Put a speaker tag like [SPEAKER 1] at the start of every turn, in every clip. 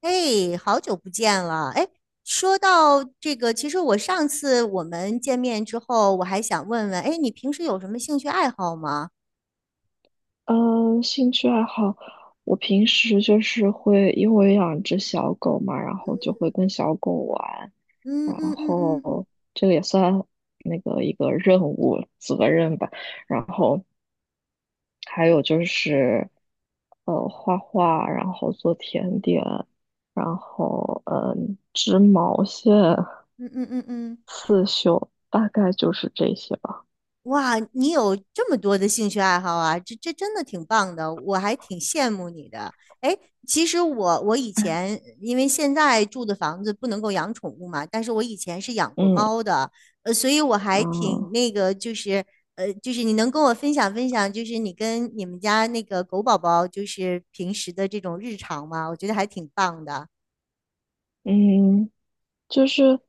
[SPEAKER 1] 哎，好久不见了！哎，说到这个，其实我上次我们见面之后，我还想问问，哎，你平时有什么兴趣爱好吗？
[SPEAKER 2] 嗯，兴趣爱好，我平时就是会，因为我养只小狗嘛，然后就会跟小狗玩，
[SPEAKER 1] 嗯
[SPEAKER 2] 然
[SPEAKER 1] 嗯嗯嗯嗯
[SPEAKER 2] 后这个也算那个一个任务责任吧。然后还有就是，画画，然后做甜点，然后织毛线、
[SPEAKER 1] 嗯嗯嗯嗯。
[SPEAKER 2] 刺绣，大概就是这些吧。
[SPEAKER 1] 哇，你有这么多的兴趣爱好啊，这真的挺棒的，我还挺羡慕你的。哎，其实我以前因为现在住的房子不能够养宠物嘛，但是我以前是养过
[SPEAKER 2] 嗯，
[SPEAKER 1] 猫的，所以我还
[SPEAKER 2] 啊，
[SPEAKER 1] 挺那个，就是就是你能跟我分享分享，就是你跟你们家那个狗宝宝就是平时的这种日常吗？我觉得还挺棒的。
[SPEAKER 2] 嗯。就是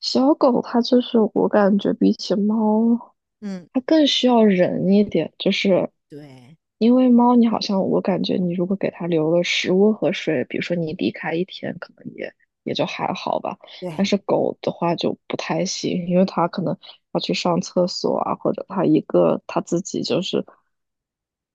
[SPEAKER 2] 小狗，它就是我感觉比起猫，
[SPEAKER 1] 嗯，
[SPEAKER 2] 它更需要人一点。就是
[SPEAKER 1] 对
[SPEAKER 2] 因为猫，你好像我感觉你如果给它留了食物和水，比如说你离开一天，可能也就还好吧。但
[SPEAKER 1] 对，
[SPEAKER 2] 是狗的话就不太行，因为它可能要去上厕所啊，或者它一个它自己就是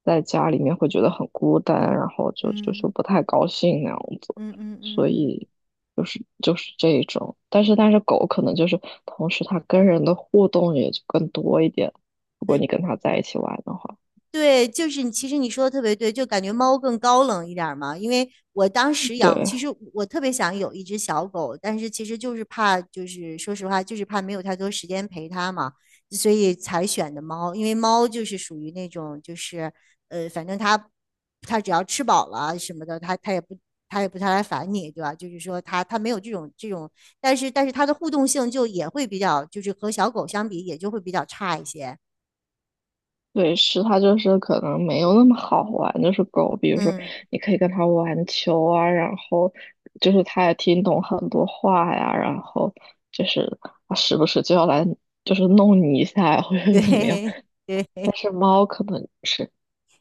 [SPEAKER 2] 在家里面会觉得很孤单，然后就是
[SPEAKER 1] 嗯
[SPEAKER 2] 不太高兴那样子。
[SPEAKER 1] 嗯嗯嗯
[SPEAKER 2] 所
[SPEAKER 1] 嗯。
[SPEAKER 2] 以就是这一种，但是狗可能就是同时它跟人的互动也就更多一点，如果
[SPEAKER 1] 嗯
[SPEAKER 2] 你跟它在一起玩的话，
[SPEAKER 1] 对，就是你，其实你说的特别对，就感觉猫更高冷一点儿嘛。因为我当时养，其
[SPEAKER 2] 对
[SPEAKER 1] 实我特别想有一只小狗，但是其实就是怕，就是说实话，就是怕没有太多时间陪它嘛，所以才选的猫。因为猫就是属于那种，就是反正它只要吃饱了什么的，它也不太来烦你，对吧？就是说它没有这种，但是它的互动性就也会比较，就是和小狗相比也就会比较差一些。
[SPEAKER 2] 对，是它就是可能没有那么好玩，就是狗，比如说
[SPEAKER 1] 嗯，
[SPEAKER 2] 你可以跟它玩球啊，然后就是它也听懂很多话呀，然后就是它时不时就要来就是弄你一下呀或者
[SPEAKER 1] 对
[SPEAKER 2] 怎么样，
[SPEAKER 1] 对。
[SPEAKER 2] 但是猫可能是。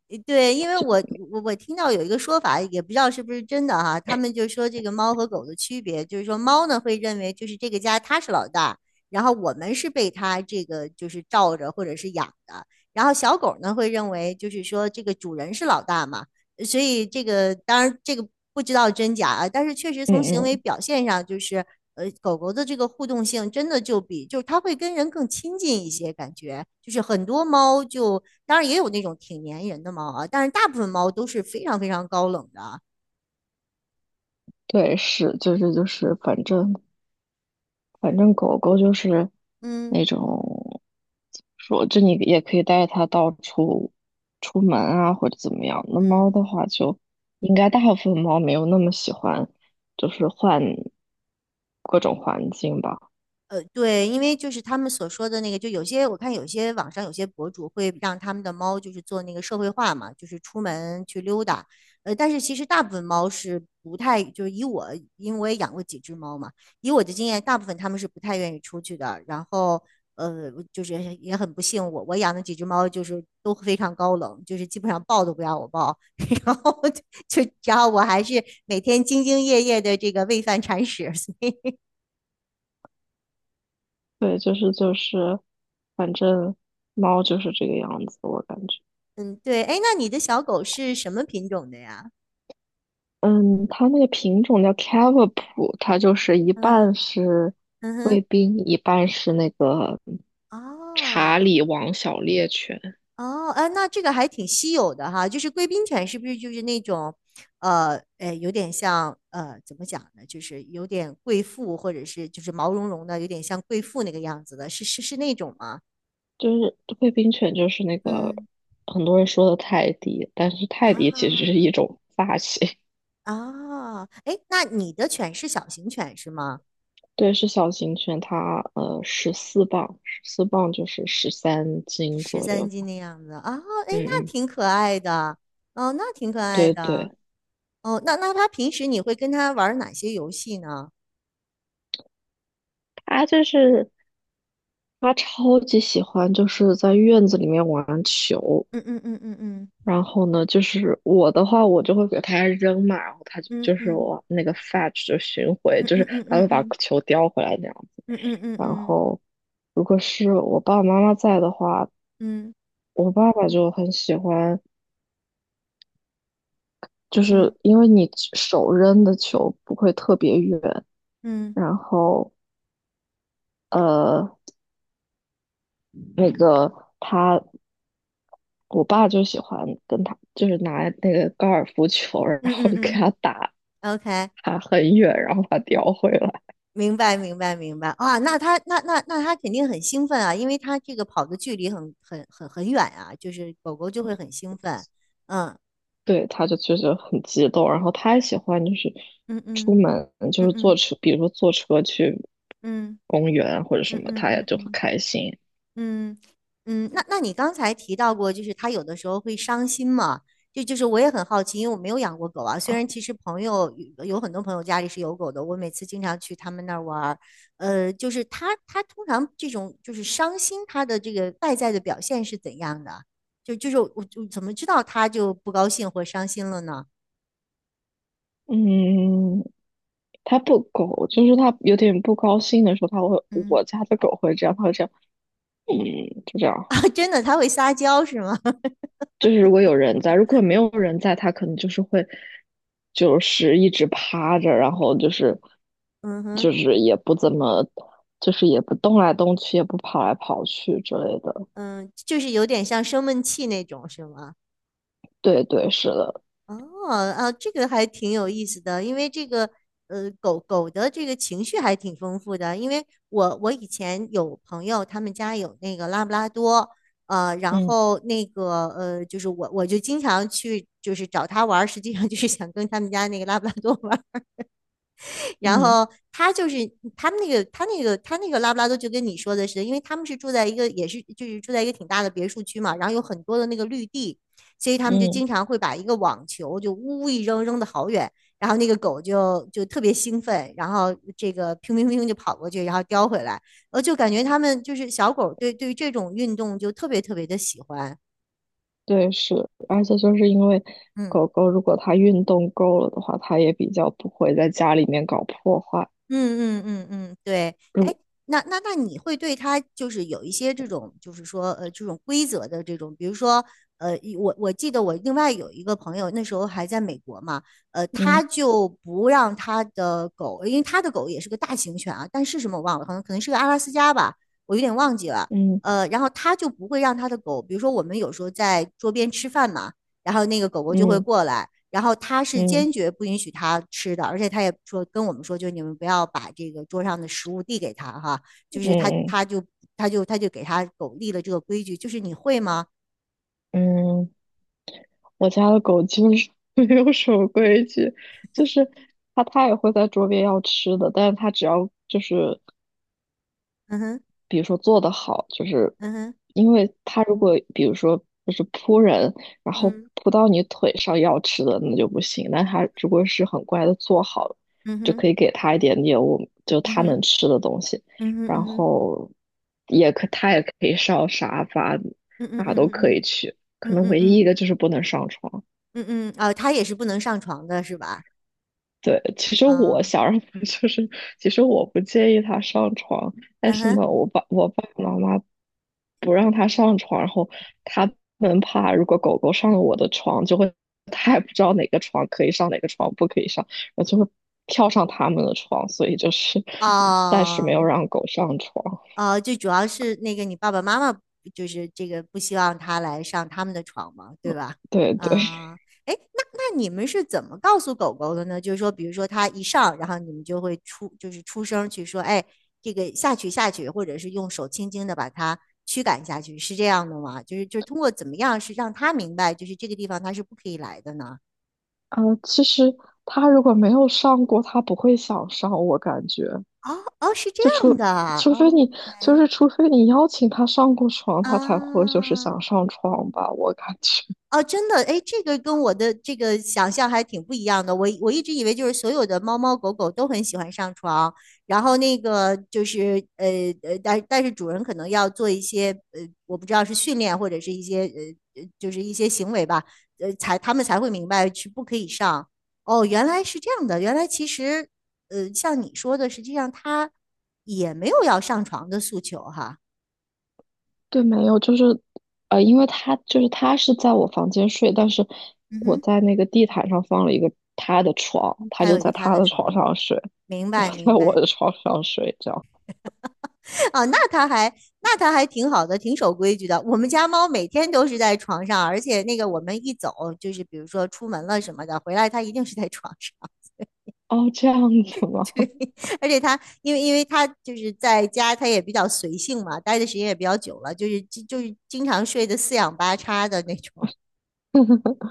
[SPEAKER 1] 对，因为我听到有一个说法，也不知道是不是真的哈，他们就说这个猫和狗的区别，就是说猫呢会认为就是这个家它是老大，然后我们是被它这个就是罩着或者是养的，然后小狗呢会认为就是说这个主人是老大嘛，所以这个当然这个不知道真假啊，但是确实从行
[SPEAKER 2] 嗯
[SPEAKER 1] 为
[SPEAKER 2] 嗯，
[SPEAKER 1] 表现上就是狗狗的这个互动性真的就是它会跟人更亲近一些感觉，就是很多猫就。当然也有那种挺粘人的猫啊，但是大部分猫都是非常非常高冷的啊。
[SPEAKER 2] 对，是，就是，反正狗狗就是
[SPEAKER 1] 嗯
[SPEAKER 2] 那种，说就你也可以带它到处出门啊，或者怎么样。那
[SPEAKER 1] 嗯。
[SPEAKER 2] 猫的话就，应该大部分猫没有那么喜欢，就是换各种环境吧。
[SPEAKER 1] 呃，对，因为就是他们所说的那个，就有些我看有些网上有些博主会让他们的猫就是做那个社会化嘛，就是出门去溜达。但是其实大部分猫是不太，就是以我，因为我也养过几只猫嘛，以我的经验，大部分它们是不太愿意出去的。然后，就是也很不幸，我养的几只猫就是都非常高冷，就是基本上抱都不让我抱，然后就，然后我还是每天兢兢业业的这个喂饭铲屎，
[SPEAKER 2] 对，就是，反正猫就是这个样子，我感觉。
[SPEAKER 1] 嗯，对，哎，那你的小狗是什么品种的呀？
[SPEAKER 2] 嗯，它那个品种叫 CAV 它就是一
[SPEAKER 1] 嗯
[SPEAKER 2] 半是
[SPEAKER 1] 嗯
[SPEAKER 2] 贵
[SPEAKER 1] 哼，
[SPEAKER 2] 宾，一半是那个查
[SPEAKER 1] 哦
[SPEAKER 2] 理王小猎犬。
[SPEAKER 1] 哦，哎，那这个还挺稀有的哈，就是贵宾犬是不是就是那种，哎，有点像怎么讲呢？就是有点贵妇，或者是就是毛茸茸的，有点像贵妇那个样子的，是那种吗？
[SPEAKER 2] 就是贵宾犬，就是那个
[SPEAKER 1] 嗯
[SPEAKER 2] 很多人说的泰迪，但是泰迪其实是
[SPEAKER 1] 啊
[SPEAKER 2] 一种发型。
[SPEAKER 1] 啊，哎，那你的犬是小型犬是吗？
[SPEAKER 2] 对，是小型犬，它十四磅，十四磅就是13斤
[SPEAKER 1] 十
[SPEAKER 2] 左右
[SPEAKER 1] 三斤
[SPEAKER 2] 吧。
[SPEAKER 1] 的样子啊，哎，那
[SPEAKER 2] 嗯嗯，
[SPEAKER 1] 挺可爱的，哦，那挺可爱
[SPEAKER 2] 对
[SPEAKER 1] 的。
[SPEAKER 2] 对，
[SPEAKER 1] 哦，那他平时你会跟他玩儿哪些游戏呢？
[SPEAKER 2] 它就是它超级喜欢就是在院子里面玩球，
[SPEAKER 1] 嗯嗯嗯嗯
[SPEAKER 2] 然后呢，就是我的话，我就会给它扔嘛，然后它就
[SPEAKER 1] 嗯
[SPEAKER 2] 就是
[SPEAKER 1] 嗯
[SPEAKER 2] 我那个 fetch 就寻回，
[SPEAKER 1] 嗯
[SPEAKER 2] 就是
[SPEAKER 1] 嗯嗯
[SPEAKER 2] 它
[SPEAKER 1] 嗯
[SPEAKER 2] 会把
[SPEAKER 1] 嗯
[SPEAKER 2] 球叼回来那样。
[SPEAKER 1] 嗯嗯
[SPEAKER 2] 然
[SPEAKER 1] 嗯
[SPEAKER 2] 后，如果是我爸爸妈妈在的话，
[SPEAKER 1] 嗯
[SPEAKER 2] 我爸爸就很喜欢，就是
[SPEAKER 1] 嗯
[SPEAKER 2] 因为你手扔的球不会特别远，
[SPEAKER 1] 嗯
[SPEAKER 2] 然后呃，那个他，我爸就喜欢跟他，就是拿那个高尔夫球，然
[SPEAKER 1] 嗯
[SPEAKER 2] 后
[SPEAKER 1] 嗯
[SPEAKER 2] 给
[SPEAKER 1] 嗯。
[SPEAKER 2] 他打，
[SPEAKER 1] OK，
[SPEAKER 2] 打很远，然后把它叼回来。
[SPEAKER 1] 明白明白明白啊，那他肯定很兴奋啊，因为他这个跑的距离很远啊，就是狗狗就会很兴奋。嗯，
[SPEAKER 2] 对，他就确实很激动，然后他也喜欢就是
[SPEAKER 1] 嗯
[SPEAKER 2] 出
[SPEAKER 1] 嗯
[SPEAKER 2] 门，就
[SPEAKER 1] 嗯
[SPEAKER 2] 是坐
[SPEAKER 1] 嗯
[SPEAKER 2] 车，比如说坐车去
[SPEAKER 1] 嗯
[SPEAKER 2] 公园或者什
[SPEAKER 1] 嗯
[SPEAKER 2] 么，
[SPEAKER 1] 嗯嗯
[SPEAKER 2] 他也
[SPEAKER 1] 嗯
[SPEAKER 2] 就很
[SPEAKER 1] 嗯
[SPEAKER 2] 开心。
[SPEAKER 1] 嗯嗯，那你刚才提到过，就是它有的时候会伤心嘛？就是我也很好奇，因为我没有养过狗啊。虽然其实朋友有很多朋友家里是有狗的，我每次经常去他们那儿玩儿，就是它通常这种就是伤心，它的这个外在的表现是怎样的？就是我怎么知道它就不高兴或伤心了呢？
[SPEAKER 2] 嗯，它不狗，就是它有点不高兴的时候，它会，
[SPEAKER 1] 嗯
[SPEAKER 2] 我家的狗会这样，它会这样，嗯，就这样。
[SPEAKER 1] 啊，真的，它会撒娇是吗？
[SPEAKER 2] 就是如果有人在，如果没有人在，它可能就是会，就是一直趴着，然后就是，
[SPEAKER 1] 嗯哼，
[SPEAKER 2] 就是也不怎么，就是也不动来动去，也不跑来跑去之类的。
[SPEAKER 1] 嗯，就是有点像生闷气那种是吗？
[SPEAKER 2] 对对，是的，
[SPEAKER 1] 哦，啊，这个还挺有意思的，因为这个狗狗的这个情绪还挺丰富的。因为我以前有朋友，他们家有那个拉布拉多，然
[SPEAKER 2] 嗯
[SPEAKER 1] 后那个就是我就经常去就是找他玩儿实际上就是想跟他们家那个拉布拉多玩然
[SPEAKER 2] 嗯
[SPEAKER 1] 后他就是他们那个他那个他那个拉布拉多就跟你说的是，因为他们是住在一个也是就是住在一个挺大的别墅区嘛，然后有很多的那个绿地，所以他们就
[SPEAKER 2] 嗯，
[SPEAKER 1] 经常会把一个网球就呜呜一扔扔的好远，然后那个狗就特别兴奋，然后这个乒乒乒就跑过去，然后叼回来，就感觉他们就是小狗对这种运动就特别特别的喜欢，
[SPEAKER 2] 对是，而且就是因为
[SPEAKER 1] 嗯。
[SPEAKER 2] 狗狗如果它运动够了的话，它也比较不会在家里面搞破坏。
[SPEAKER 1] 嗯嗯嗯嗯，对，哎，
[SPEAKER 2] 如
[SPEAKER 1] 那你会对他就是有一些这种，就是说这种规则的这种，比如说我记得我另外有一个朋友那时候还在美国嘛，他
[SPEAKER 2] 嗯
[SPEAKER 1] 就不让他的狗，因为他的狗也是个大型犬啊，但是什么我忘了，可能是个阿拉斯加吧，我有点忘记了，
[SPEAKER 2] 嗯
[SPEAKER 1] 然后他就不会让他的狗，比如说我们有时候在桌边吃饭嘛，然后那个狗狗就会
[SPEAKER 2] 嗯
[SPEAKER 1] 过来。然后他是
[SPEAKER 2] 嗯
[SPEAKER 1] 坚决不允许他吃的，而且他也说跟我们说，就你们不要把这个桌上的食物递给他哈，就是他
[SPEAKER 2] 嗯
[SPEAKER 1] 他就他就他就给他狗立了这个规矩，就是你会吗？
[SPEAKER 2] 嗯，嗯，我家的狗基本上 没有什么规矩，就是它也会在桌边要吃的，但是它只要就是
[SPEAKER 1] 嗯哼，
[SPEAKER 2] 比如说做得好，就是
[SPEAKER 1] 嗯哼，
[SPEAKER 2] 因为他如果比如说就是扑人，然后
[SPEAKER 1] 嗯
[SPEAKER 2] 扑到你腿上要吃的那就不行，但他如果是很乖的做好了
[SPEAKER 1] 嗯
[SPEAKER 2] 就
[SPEAKER 1] 哼，
[SPEAKER 2] 可以给他一点点就
[SPEAKER 1] 嗯
[SPEAKER 2] 他
[SPEAKER 1] 哼，
[SPEAKER 2] 能吃的东西，
[SPEAKER 1] 嗯哼，
[SPEAKER 2] 然
[SPEAKER 1] 嗯哼，
[SPEAKER 2] 后也可以上沙发，
[SPEAKER 1] 嗯嗯
[SPEAKER 2] 哪都可以
[SPEAKER 1] 嗯嗯
[SPEAKER 2] 去，可
[SPEAKER 1] 嗯嗯
[SPEAKER 2] 能
[SPEAKER 1] 嗯
[SPEAKER 2] 唯一一
[SPEAKER 1] 嗯
[SPEAKER 2] 个就是不能上床。
[SPEAKER 1] 嗯嗯，啊，他也是不能上床的是吧？
[SPEAKER 2] 对，其实我
[SPEAKER 1] 啊，
[SPEAKER 2] 想让他就是，其实我不介意他上床，但
[SPEAKER 1] 嗯
[SPEAKER 2] 是
[SPEAKER 1] 哼，
[SPEAKER 2] 呢，我爸爸妈妈不让他上床，然后他们怕如果狗狗上了我的床，就会他也不知道哪个床可以上，哪个床不可以上，然后就会跳上他们的床，所以就是暂时没
[SPEAKER 1] 哦。
[SPEAKER 2] 有让狗上床。
[SPEAKER 1] 最主要是那个你爸爸妈妈就是这个不希望他来上他们的床嘛，对吧？
[SPEAKER 2] 对对，
[SPEAKER 1] 啊，诶哎，那你们是怎么告诉狗狗的呢？就是说，比如说它一上，然后你们就会出就是出声去说，哎，这个下去下去，或者是用手轻轻的把它驱赶下去，是这样的吗？就是通过怎么样是让它明白，就是这个地方它是不可以来的呢？
[SPEAKER 2] 其实他如果没有上过，他不会想上，我感觉。
[SPEAKER 1] 哦哦，是这
[SPEAKER 2] 就
[SPEAKER 1] 样
[SPEAKER 2] 除
[SPEAKER 1] 的
[SPEAKER 2] 除非你就
[SPEAKER 1] ，OK
[SPEAKER 2] 是除非你邀请他上过床，他才会就是想
[SPEAKER 1] 啊。
[SPEAKER 2] 上床吧，我感觉。
[SPEAKER 1] 哦，真的，哎，这个跟我的这个想象还挺不一样的。我一直以为就是所有的猫猫狗狗都很喜欢上床，然后那个就是但是主人可能要做一些我不知道是训练或者是一些就是一些行为吧，他们才会明白是不可以上。哦，原来是这样的，原来其实像你说的，实际上它也没有要上床的诉求哈。
[SPEAKER 2] 对，没有，就是因为他是在我房间睡，但是
[SPEAKER 1] 嗯
[SPEAKER 2] 我
[SPEAKER 1] 哼。
[SPEAKER 2] 在那个地毯上放了一个他的床，他
[SPEAKER 1] 还有
[SPEAKER 2] 就
[SPEAKER 1] 一个
[SPEAKER 2] 在
[SPEAKER 1] 它
[SPEAKER 2] 他
[SPEAKER 1] 的
[SPEAKER 2] 的
[SPEAKER 1] 床
[SPEAKER 2] 床
[SPEAKER 1] 吗？
[SPEAKER 2] 上睡，
[SPEAKER 1] 明白，
[SPEAKER 2] 我在
[SPEAKER 1] 明
[SPEAKER 2] 我
[SPEAKER 1] 白。
[SPEAKER 2] 的床上睡，这样。
[SPEAKER 1] 哦，那他还挺好的，挺守规矩的。我们家猫每天都是在床上，而且那个我们一走，就是比如说出门了什么的，回来它一定是在床上。
[SPEAKER 2] 哦，这样子 吗？
[SPEAKER 1] 对，而且它因为它就是在家，它也比较随性嘛，待的时间也比较久了，就是经常睡的四仰八叉的那种。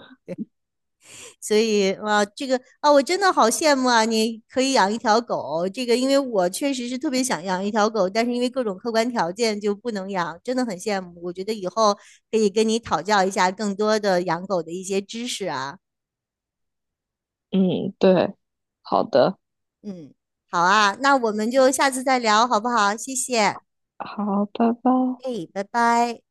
[SPEAKER 1] 所以哇，这个啊，我真的好羡慕啊！你可以养一条狗，这个因为我确实是特别想养一条狗，但是因为各种客观条件就不能养，真的很羡慕。我觉得以后可以跟你讨教一下更多的养狗的一些知识啊。
[SPEAKER 2] 嗯，对，好的，
[SPEAKER 1] 嗯，好啊，那我们就下次再聊，好不好？谢谢，
[SPEAKER 2] 好，拜拜。
[SPEAKER 1] 哎，拜拜。